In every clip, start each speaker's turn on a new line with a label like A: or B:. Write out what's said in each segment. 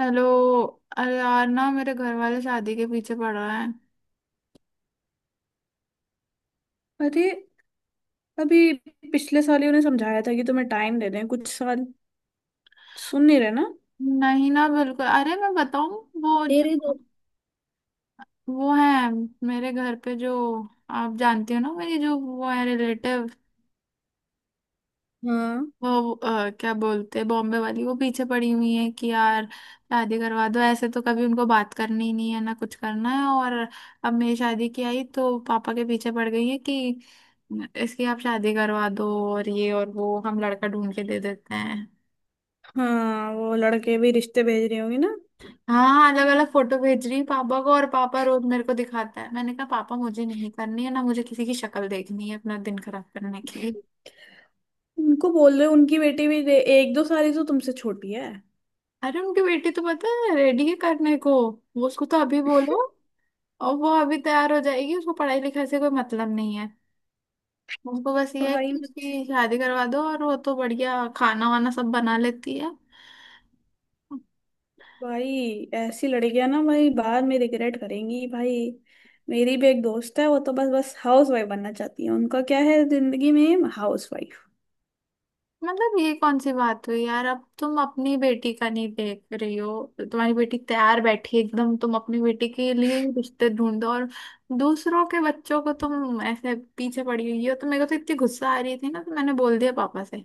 A: Hello. अरे यार ना मेरे घर वाले शादी के पीछे पड़ रहे हैं।
B: अरे, अभी पिछले साल ही उन्हें समझाया था कि तुम्हें टाइम दे दें कुछ साल। सुन नहीं रहे ना
A: नहीं ना बिल्कुल। अरे मैं बताऊं वो जो
B: तेरे।
A: वो है मेरे घर पे जो, आप जानती हो ना मेरी जो वो है रिलेटिव,
B: हाँ,
A: वो क्या बोलते हैं, बॉम्बे वाली, वो पीछे पड़ी हुई है कि यार शादी करवा दो। ऐसे तो कभी उनको बात करनी ही नहीं है ना, कुछ करना है और अब मेरी शादी की आई तो पापा के पीछे पड़ गई है कि इसकी आप शादी करवा दो, और ये और वो, हम लड़का ढूंढ के दे देते हैं।
B: हाँ वो लड़के भी रिश्ते भेज रही होंगी ना।
A: हाँ अलग अलग फोटो भेज रही है पापा को, और पापा रोज मेरे को दिखाता है। मैंने कहा पापा मुझे नहीं करनी है ना, मुझे किसी की शक्ल देखनी है अपना दिन खराब करने के लिए।
B: उनको बोल रहे उनकी बेटी भी दे, एक दो साल ही तो तुमसे छोटी है।
A: अरे उनकी बेटी तो पता है रेडी है करने को। वो उसको तो अभी बोलो और वो अभी तैयार हो जाएगी। उसको पढ़ाई लिखाई से कोई मतलब नहीं है, उसको बस ये है
B: भाई
A: कि
B: मुझे,
A: उसकी शादी करवा दो, और वो तो बढ़िया खाना वाना सब बना लेती है।
B: भाई ऐसी लड़कियां ना भाई बाद में रिग्रेट करेंगी भाई। मेरी भी एक दोस्त है, वो तो बस बस हाउस वाइफ बनना चाहती है। उनका क्या है जिंदगी में हाउस।
A: मतलब ये कौन सी बात हुई यार। अब तुम अपनी बेटी का नहीं देख रही हो, तुम्हारी बेटी तैयार बैठी है एकदम, तुम अपनी बेटी के लिए ही रिश्ते ढूंढो, और दूसरों के बच्चों को तुम ऐसे पीछे पड़ी हुई हो। तो मेरे को तो इतनी गुस्सा आ रही थी ना, तो मैंने बोल दिया पापा से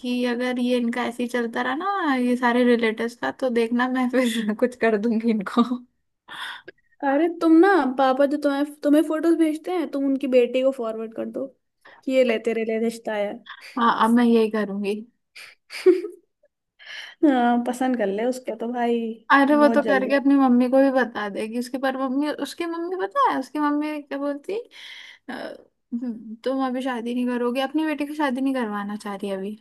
A: कि अगर ये इनका ऐसे ही चलता रहा ना, ये सारे रिलेटिव्स का, तो देखना मैं फिर कुछ कर दूंगी इनको।
B: अरे तुम ना, पापा जो तुम्हें तुम्हें फोटोज भेजते हैं, तुम उनकी बेटी को फॉरवर्ड कर दो कि ये ले तेरे लिए रिश्ता आया है।
A: हाँ अब मैं यही करूंगी।
B: हाँ पसंद कर ले उसको तो भाई।
A: अरे वो
B: बहुत
A: तो
B: जल्दी
A: करके
B: है।
A: अपनी मम्मी को भी बता देगी उसकी, पर मम्मी, उसकी मम्मी, पता है उसकी मम्मी क्या बोलती, तुम अभी शादी नहीं करोगे", अपनी बेटी की शादी नहीं करवाना चाह रही अभी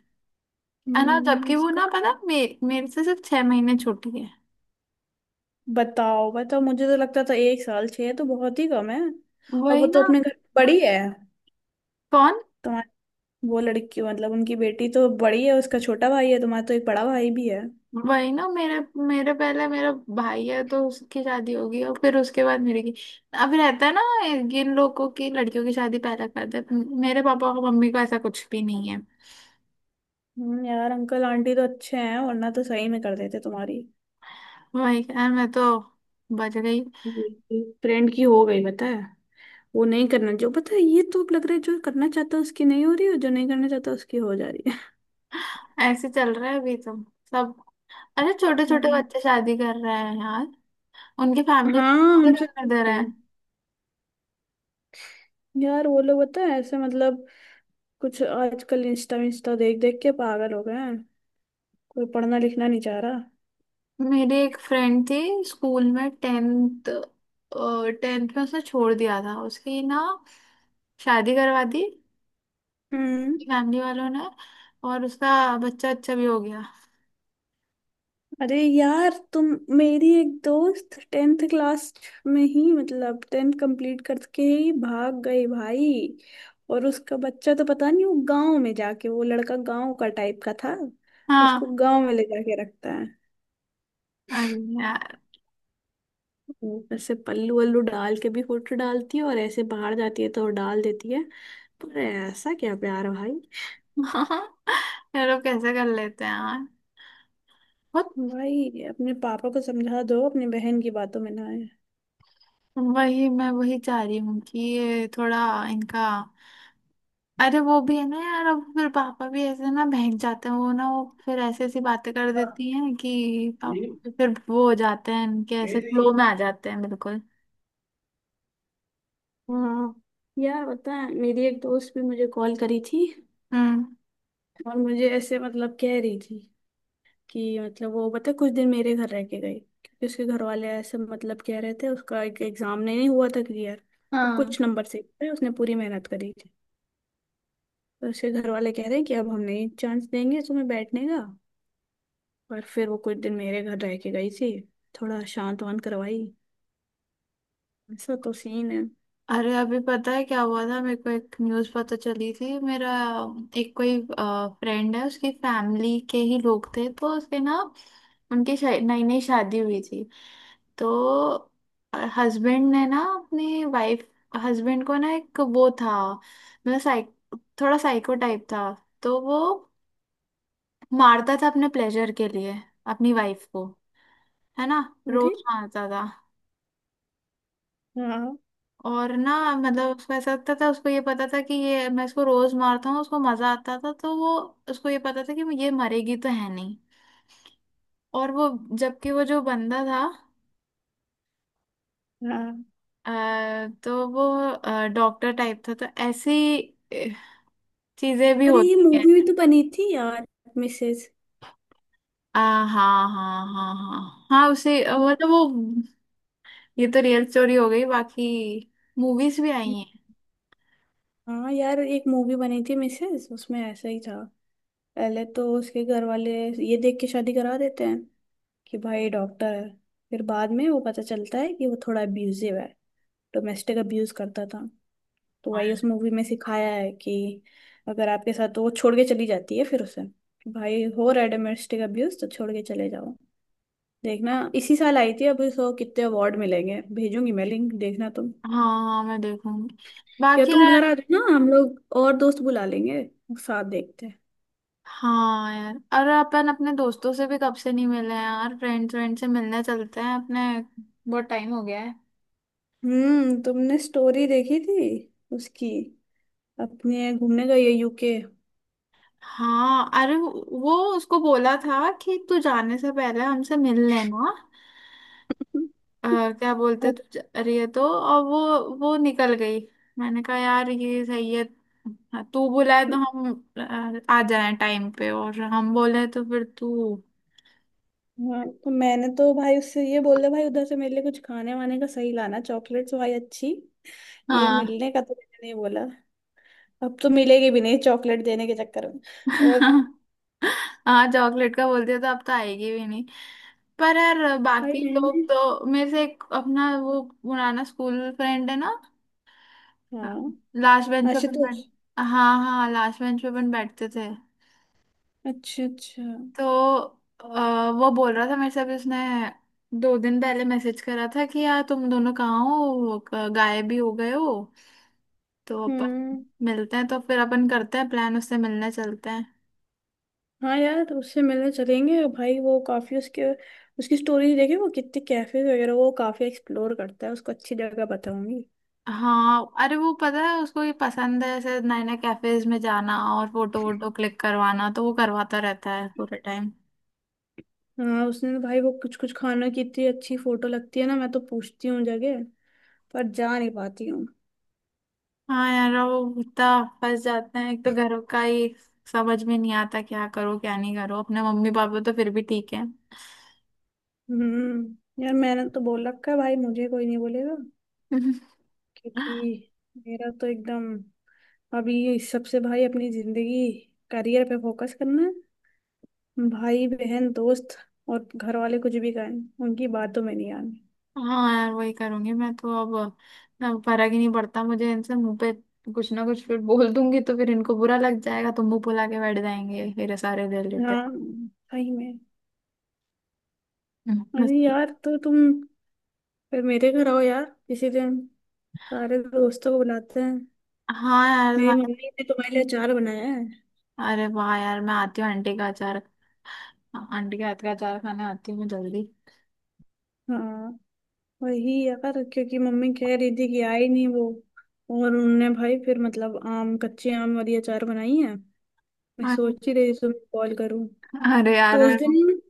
A: है ना। जबकि वो ना
B: उसको
A: पता मेरे से सिर्फ छह महीने छोटी है।
B: बताओ बताओ, मुझे तो लगता था एक साल। छह तो बहुत ही कम है। और वो
A: वही
B: तो
A: ना।
B: अपने घर में बड़ी है।
A: कौन।
B: तुम्हारी वो लड़की मतलब उनकी बेटी तो बड़ी है, उसका छोटा भाई है। तुम्हारा तो एक बड़ा भाई भी है।
A: वही ना। मेरे मेरे पहले मेरा भाई है तो उसकी शादी होगी और फिर उसके बाद मेरी की। अब रहता है ना, इन लोगों की लड़कियों की शादी पहले कर देते। मेरे पापा और मम्मी को ऐसा कुछ भी नहीं है।
B: यार अंकल आंटी तो अच्छे हैं, वरना तो सही में कर देते तुम्हारी।
A: वही यार, मैं तो बच गई।
B: फ्रेंड की हो गई पता है। वो नहीं करना जो पता है, ये तो अब लग रहा है जो करना चाहता है उसकी नहीं हो रही, और जो नहीं करना चाहता उसकी हो जा रही है।
A: ऐसे चल रहा है अभी तो सब। अरे छोटे छोटे
B: हम्म।
A: बच्चे शादी कर रहे हैं यार, उनकी फैमिली
B: हाँ,
A: कैसे
B: हमसे
A: करने दे
B: छोटे
A: रहे
B: हैं।
A: हैं।
B: यार वो लोग पता है ऐसे मतलब कुछ आजकल इंस्टा इंस्टा देख देख के पागल हो गए हैं। कोई पढ़ना लिखना नहीं चाह रहा।
A: मेरी एक फ्रेंड थी स्कूल में, टेंथ टेंथ में उसने छोड़ दिया था। उसकी ना शादी करवा दी
B: हम्म।
A: फैमिली वालों ने, और उसका बच्चा अच्छा भी हो गया।
B: अरे यार तुम, मेरी एक दोस्त टेंथ क्लास में ही मतलब टेंथ कंप्लीट करके ही भाग गई भाई। और उसका बच्चा तो पता नहीं, वो गांव में जाके वो लड़का गांव का टाइप का था। उसको
A: हाँ।
B: गांव में ले जाके रखता है।
A: अरे यार।
B: ऊपर से पल्लू वल्लू डाल के भी फोटो डालती है, और ऐसे बाहर जाती है तो डाल देती है। पर ऐसा क्या प्यार भाई।
A: ये लोग कैसे कर लेते हैं यार, बहुत।
B: भाई अपने पापा को समझा दो अपनी बहन की बातों में ना
A: वही मैं वही चाह रही हूँ कि ये थोड़ा इनका, अरे वो भी है ना यार, अब फिर पापा भी ऐसे ना बहक जाते हैं। वो ना वो फिर ऐसी ऐसी बातें कर देती हैं कि पापा फिर वो हो जाते हैं, इनके ऐसे फ्लो
B: आए।
A: में आ जाते हैं बिल्कुल।
B: हाँ यार पता है, मेरी एक दोस्त भी मुझे कॉल करी थी।
A: हम्म।
B: और मुझे ऐसे मतलब कह रही थी कि मतलब वो पता है, कुछ दिन मेरे घर रह के गई क्योंकि उसके घर वाले ऐसे मतलब कह रहे थे, उसका एक एग्जाम नहीं हुआ था क्लियर। और
A: हाँ।
B: कुछ नंबर से पे उसने पूरी मेहनत करी थी। तो उसके घर वाले कह रहे हैं कि अब हम नहीं चांस देंगे तुम्हें बैठने का। और फिर वो कुछ दिन मेरे घर रह के गई थी, थोड़ा शांत वांत करवाई। ऐसा तो सीन है।
A: अरे अभी पता है क्या हुआ था, मेरे को एक न्यूज़ पता चली थी। मेरा एक कोई फ्रेंड है, उसकी फैमिली के ही लोग थे, तो उसके ना उनकी नई नई शादी हुई थी। तो हस्बैंड ने ना अपनी वाइफ, हस्बैंड को ना एक वो था मतलब साइक थोड़ा साइको टाइप था। तो वो मारता था अपने प्लेजर के लिए अपनी वाइफ को, है ना,
B: अरे।
A: रोज मारता था।
B: हाँ।
A: और ना मतलब उसको ऐसा लगता था, उसको ये पता था कि ये मैं इसको रोज मारता हूँ, उसको मजा आता था। तो वो, उसको ये पता था कि ये मरेगी तो है नहीं। और वो, जबकि वो जो बंदा था,
B: हाँ,
A: तो वो डॉक्टर टाइप था। तो ऐसी अ, चीजें भी
B: अरे ये
A: होती हैं।
B: मूवी भी तो बनी थी यार, मिसेज।
A: आ, हाँ हाँ हाँ हाँ। हाँ उसे मतलब वो, ये तो रियल स्टोरी हो गई, बाकी मूवीज भी आई हैं।
B: हाँ यार एक मूवी बनी थी मिसेस, उसमें ऐसा ही था। पहले तो उसके घर वाले ये देख के शादी करा देते हैं कि भाई डॉक्टर है, फिर बाद में वो पता चलता है कि वो थोड़ा अब्यूजिव है, डोमेस्टिक अब्यूज करता था। तो वही उस
A: हाँ।
B: मूवी में सिखाया है कि अगर आपके साथ, तो वो छोड़ के चली जाती है, फिर उसे कि भाई हो रहा है डोमेस्टिक अब्यूज तो छोड़ के चले जाओ। देखना इसी साल आई थी, अब इसको कितने अवार्ड मिलेंगे। भेजूंगी मैं लिंक, देखना तुम।
A: हाँ मैं देखूंगी
B: या
A: बाकी।
B: तुम घर आ जाना, हम लोग और दोस्त बुला लेंगे, साथ देखते हैं।
A: हाँ यार अरे, अपन अपने दोस्तों से भी कब से नहीं मिले हैं यार, फ्रेंड्स फ्रेंड से मिलने चलते हैं अपने, बहुत टाइम हो गया है।
B: तुमने स्टोरी देखी थी उसकी? अपने घूमने गई है यूके।
A: हाँ अरे वो उसको बोला था कि तू जाने से पहले हमसे मिल लेना। अ, क्या बोलते, तू जा रही है तो, और वो निकल गई। मैंने कहा यार ये सही है। हाँ, तू बुलाए तो हम आ जाए टाइम पे, और हम बोले तो फिर तू।
B: हाँ तो मैंने तो भाई उससे ये बोल दिया भाई, उधर से मेरे लिए कुछ खाने वाने का सही लाना, चॉकलेट्स भाई अच्छी। ये
A: हाँ।
B: मिलने का तो मैंने नहीं बोला। अब तो मिलेगी भी नहीं चॉकलेट देने के चक्कर में। और
A: हाँ चॉकलेट का बोलते हो तो अब तो आएगी भी नहीं। पर यार
B: भाई
A: बाकी
B: मैंने।
A: लोग तो, मेरे से एक अपना वो पुराना स्कूल फ्रेंड है ना,
B: हाँ।
A: लास्ट बेंच पे अपन बैठ,
B: आशुतोष।
A: हाँ हाँ लास्ट बेंच पे अपन बैठते थे।
B: अच्छा, अच्छा।
A: तो वो बोल रहा था मेरे से, अभी उसने दो दिन पहले मैसेज करा था कि यार तुम दोनों कहाँ हो, गायब भी हो गए हो। तो
B: हम्म।
A: अपन मिलते हैं तो फिर अपन करते हैं प्लान, उससे मिलने चलते हैं।
B: हाँ यार तो उससे मिलने चलेंगे भाई, वो काफी उसके, उसकी स्टोरी देखी, वो कितने कैफे वगैरह वो काफी एक्सप्लोर करता है, उसको अच्छी जगह बताऊंगी।
A: हाँ अरे वो पता है उसको ये पसंद है ऐसे नए नए कैफेज में जाना, और फोटो वोटो क्लिक करवाना, तो वो करवाता रहता है पूरे टाइम।
B: हाँ उसने तो भाई वो कुछ कुछ खाना की इतनी अच्छी फोटो लगती है ना, मैं तो पूछती हूँ जगह, पर जा नहीं पाती हूँ।
A: हाँ यार वो इतना फंस जाते हैं, एक तो घरों का ही, समझ में नहीं आता क्या करो क्या नहीं करो। अपने मम्मी पापा तो फिर भी ठीक है।
B: यार मैंने तो बोल रखा है भाई मुझे कोई नहीं बोलेगा। क्योंकि मेरा तो एकदम, अभी ये इस सबसे भाई अपनी जिंदगी करियर पे फोकस करना है। भाई बहन दोस्त और घर वाले कुछ भी कहें उनकी बातों में नहीं आना।
A: हाँ यार वही करूंगी मैं तो अब फर्क ही नहीं पड़ता मुझे इनसे। मुंह पे कुछ ना कुछ फिर बोल दूंगी तो फिर इनको बुरा लग जाएगा, तो मुंह फुला के बैठ जाएंगे फिर सारे रिलेटेड।
B: हाँ सही में। अरे
A: मस्ती।
B: यार तो तुम फिर मेरे घर आओ यार किसी दिन, सारे दोस्तों को बुलाते हैं।
A: हाँ यार।
B: मेरी मम्मी ने तुम्हारे लिए अचार बनाया है।
A: अरे वाह यार मैं आती हूँ, आंटी का अचार, आंटी के हाथ का अचार खाने आती हूँ मैं जल्दी।
B: हाँ वही यार, क्योंकि मम्मी कह रही थी कि आई नहीं वो। और उन्होंने भाई फिर मतलब आम, कच्चे आम वाली अचार बनाई है। मैं
A: अरे
B: सोच ही रही थी तुम्हें कॉल करूँ
A: अरे यार
B: तो उस
A: मेरे को-,
B: दिन।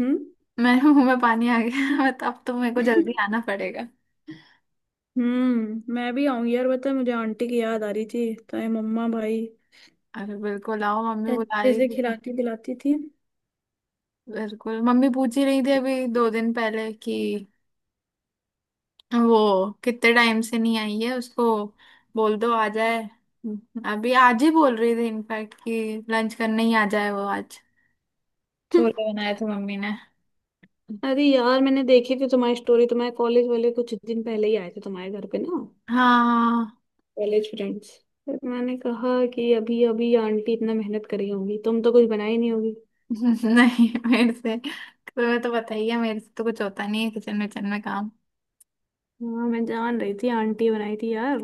B: हम्म।
A: मेरे मुंह में पानी आ गया। मैं तो अब तो, मेरे को जल्दी आना पड़ेगा।
B: हम्म, मैं भी आऊंगी यार, बता मुझे आंटी की याद आ रही थी तो ये मम्मा भाई
A: अरे बिल्कुल आओ, मम्मी बुला
B: अच्छे
A: रही
B: से
A: थी तो,
B: खिलाती पिलाती थी।
A: बिल्कुल मम्मी पूछ ही रही थी अभी दो दिन पहले कि वो कितने टाइम से नहीं आई है, उसको बोल दो आ जाए। अभी आज ही बोल रही थी इनफैक्ट कि लंच करने ही आ जाए वो आज, छोले बनाए थे मम्मी ने।
B: अरे यार मैंने देखी थी तुम्हारी स्टोरी, तुम्हारे कॉलेज वाले कुछ दिन पहले ही आए थे तुम्हारे घर पे ना,
A: हाँ।
B: College friends. फिर मैंने कहा कि अभी अभी आंटी इतना मेहनत करी होगी, तुम तो कुछ बनाई नहीं होगी।
A: नहीं मेरे से, तुम्हें तो बताइए मेरे से तो कुछ होता नहीं है किचन विचन में काम।
B: हाँ मैं जान रही थी आंटी बनाई थी यार।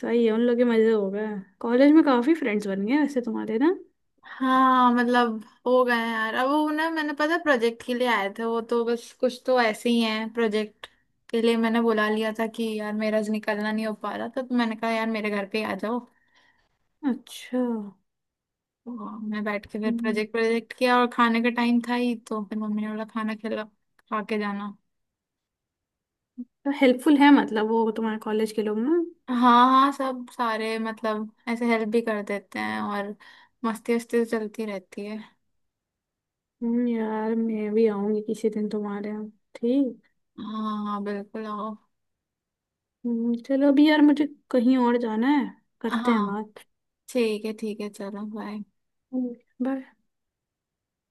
B: सही है उन लोग के मजे हो गए। कॉलेज में काफी फ्रेंड्स बन गए वैसे तुम्हारे ना।
A: हाँ मतलब हो गए हैं यार, अब वो ना मैंने पता प्रोजेक्ट के लिए आए थे वो, तो बस कुछ तो ऐसे ही हैं, प्रोजेक्ट के लिए मैंने बुला लिया था कि यार मेरा आज निकलना नहीं हो पा रहा था, तो मैंने कहा यार मेरे घर पे ही आ जाओ।
B: अच्छा।
A: तो मैं बैठ के फिर
B: हम्म,
A: प्रोजेक्ट प्रोजेक्ट किया, और खाने का टाइम था ही तो फिर मम्मी ने बोला खाना खिला, खा के जाना।
B: तो हेल्पफुल है मतलब वो तुम्हारे कॉलेज के लोग ना।
A: हाँ हाँ सब सारे मतलब ऐसे हेल्प भी कर देते हैं, और मस्ती वस्ती तो चलती रहती है।
B: यार मैं भी आऊंगी किसी दिन तुम्हारे यहाँ, ठीक?
A: हाँ हाँ बिल्कुल आओ।
B: चलो अभी यार मुझे कहीं और जाना है, करते हैं
A: हाँ
B: बात।
A: ठीक है चलो बाय।
B: हम्म। बस।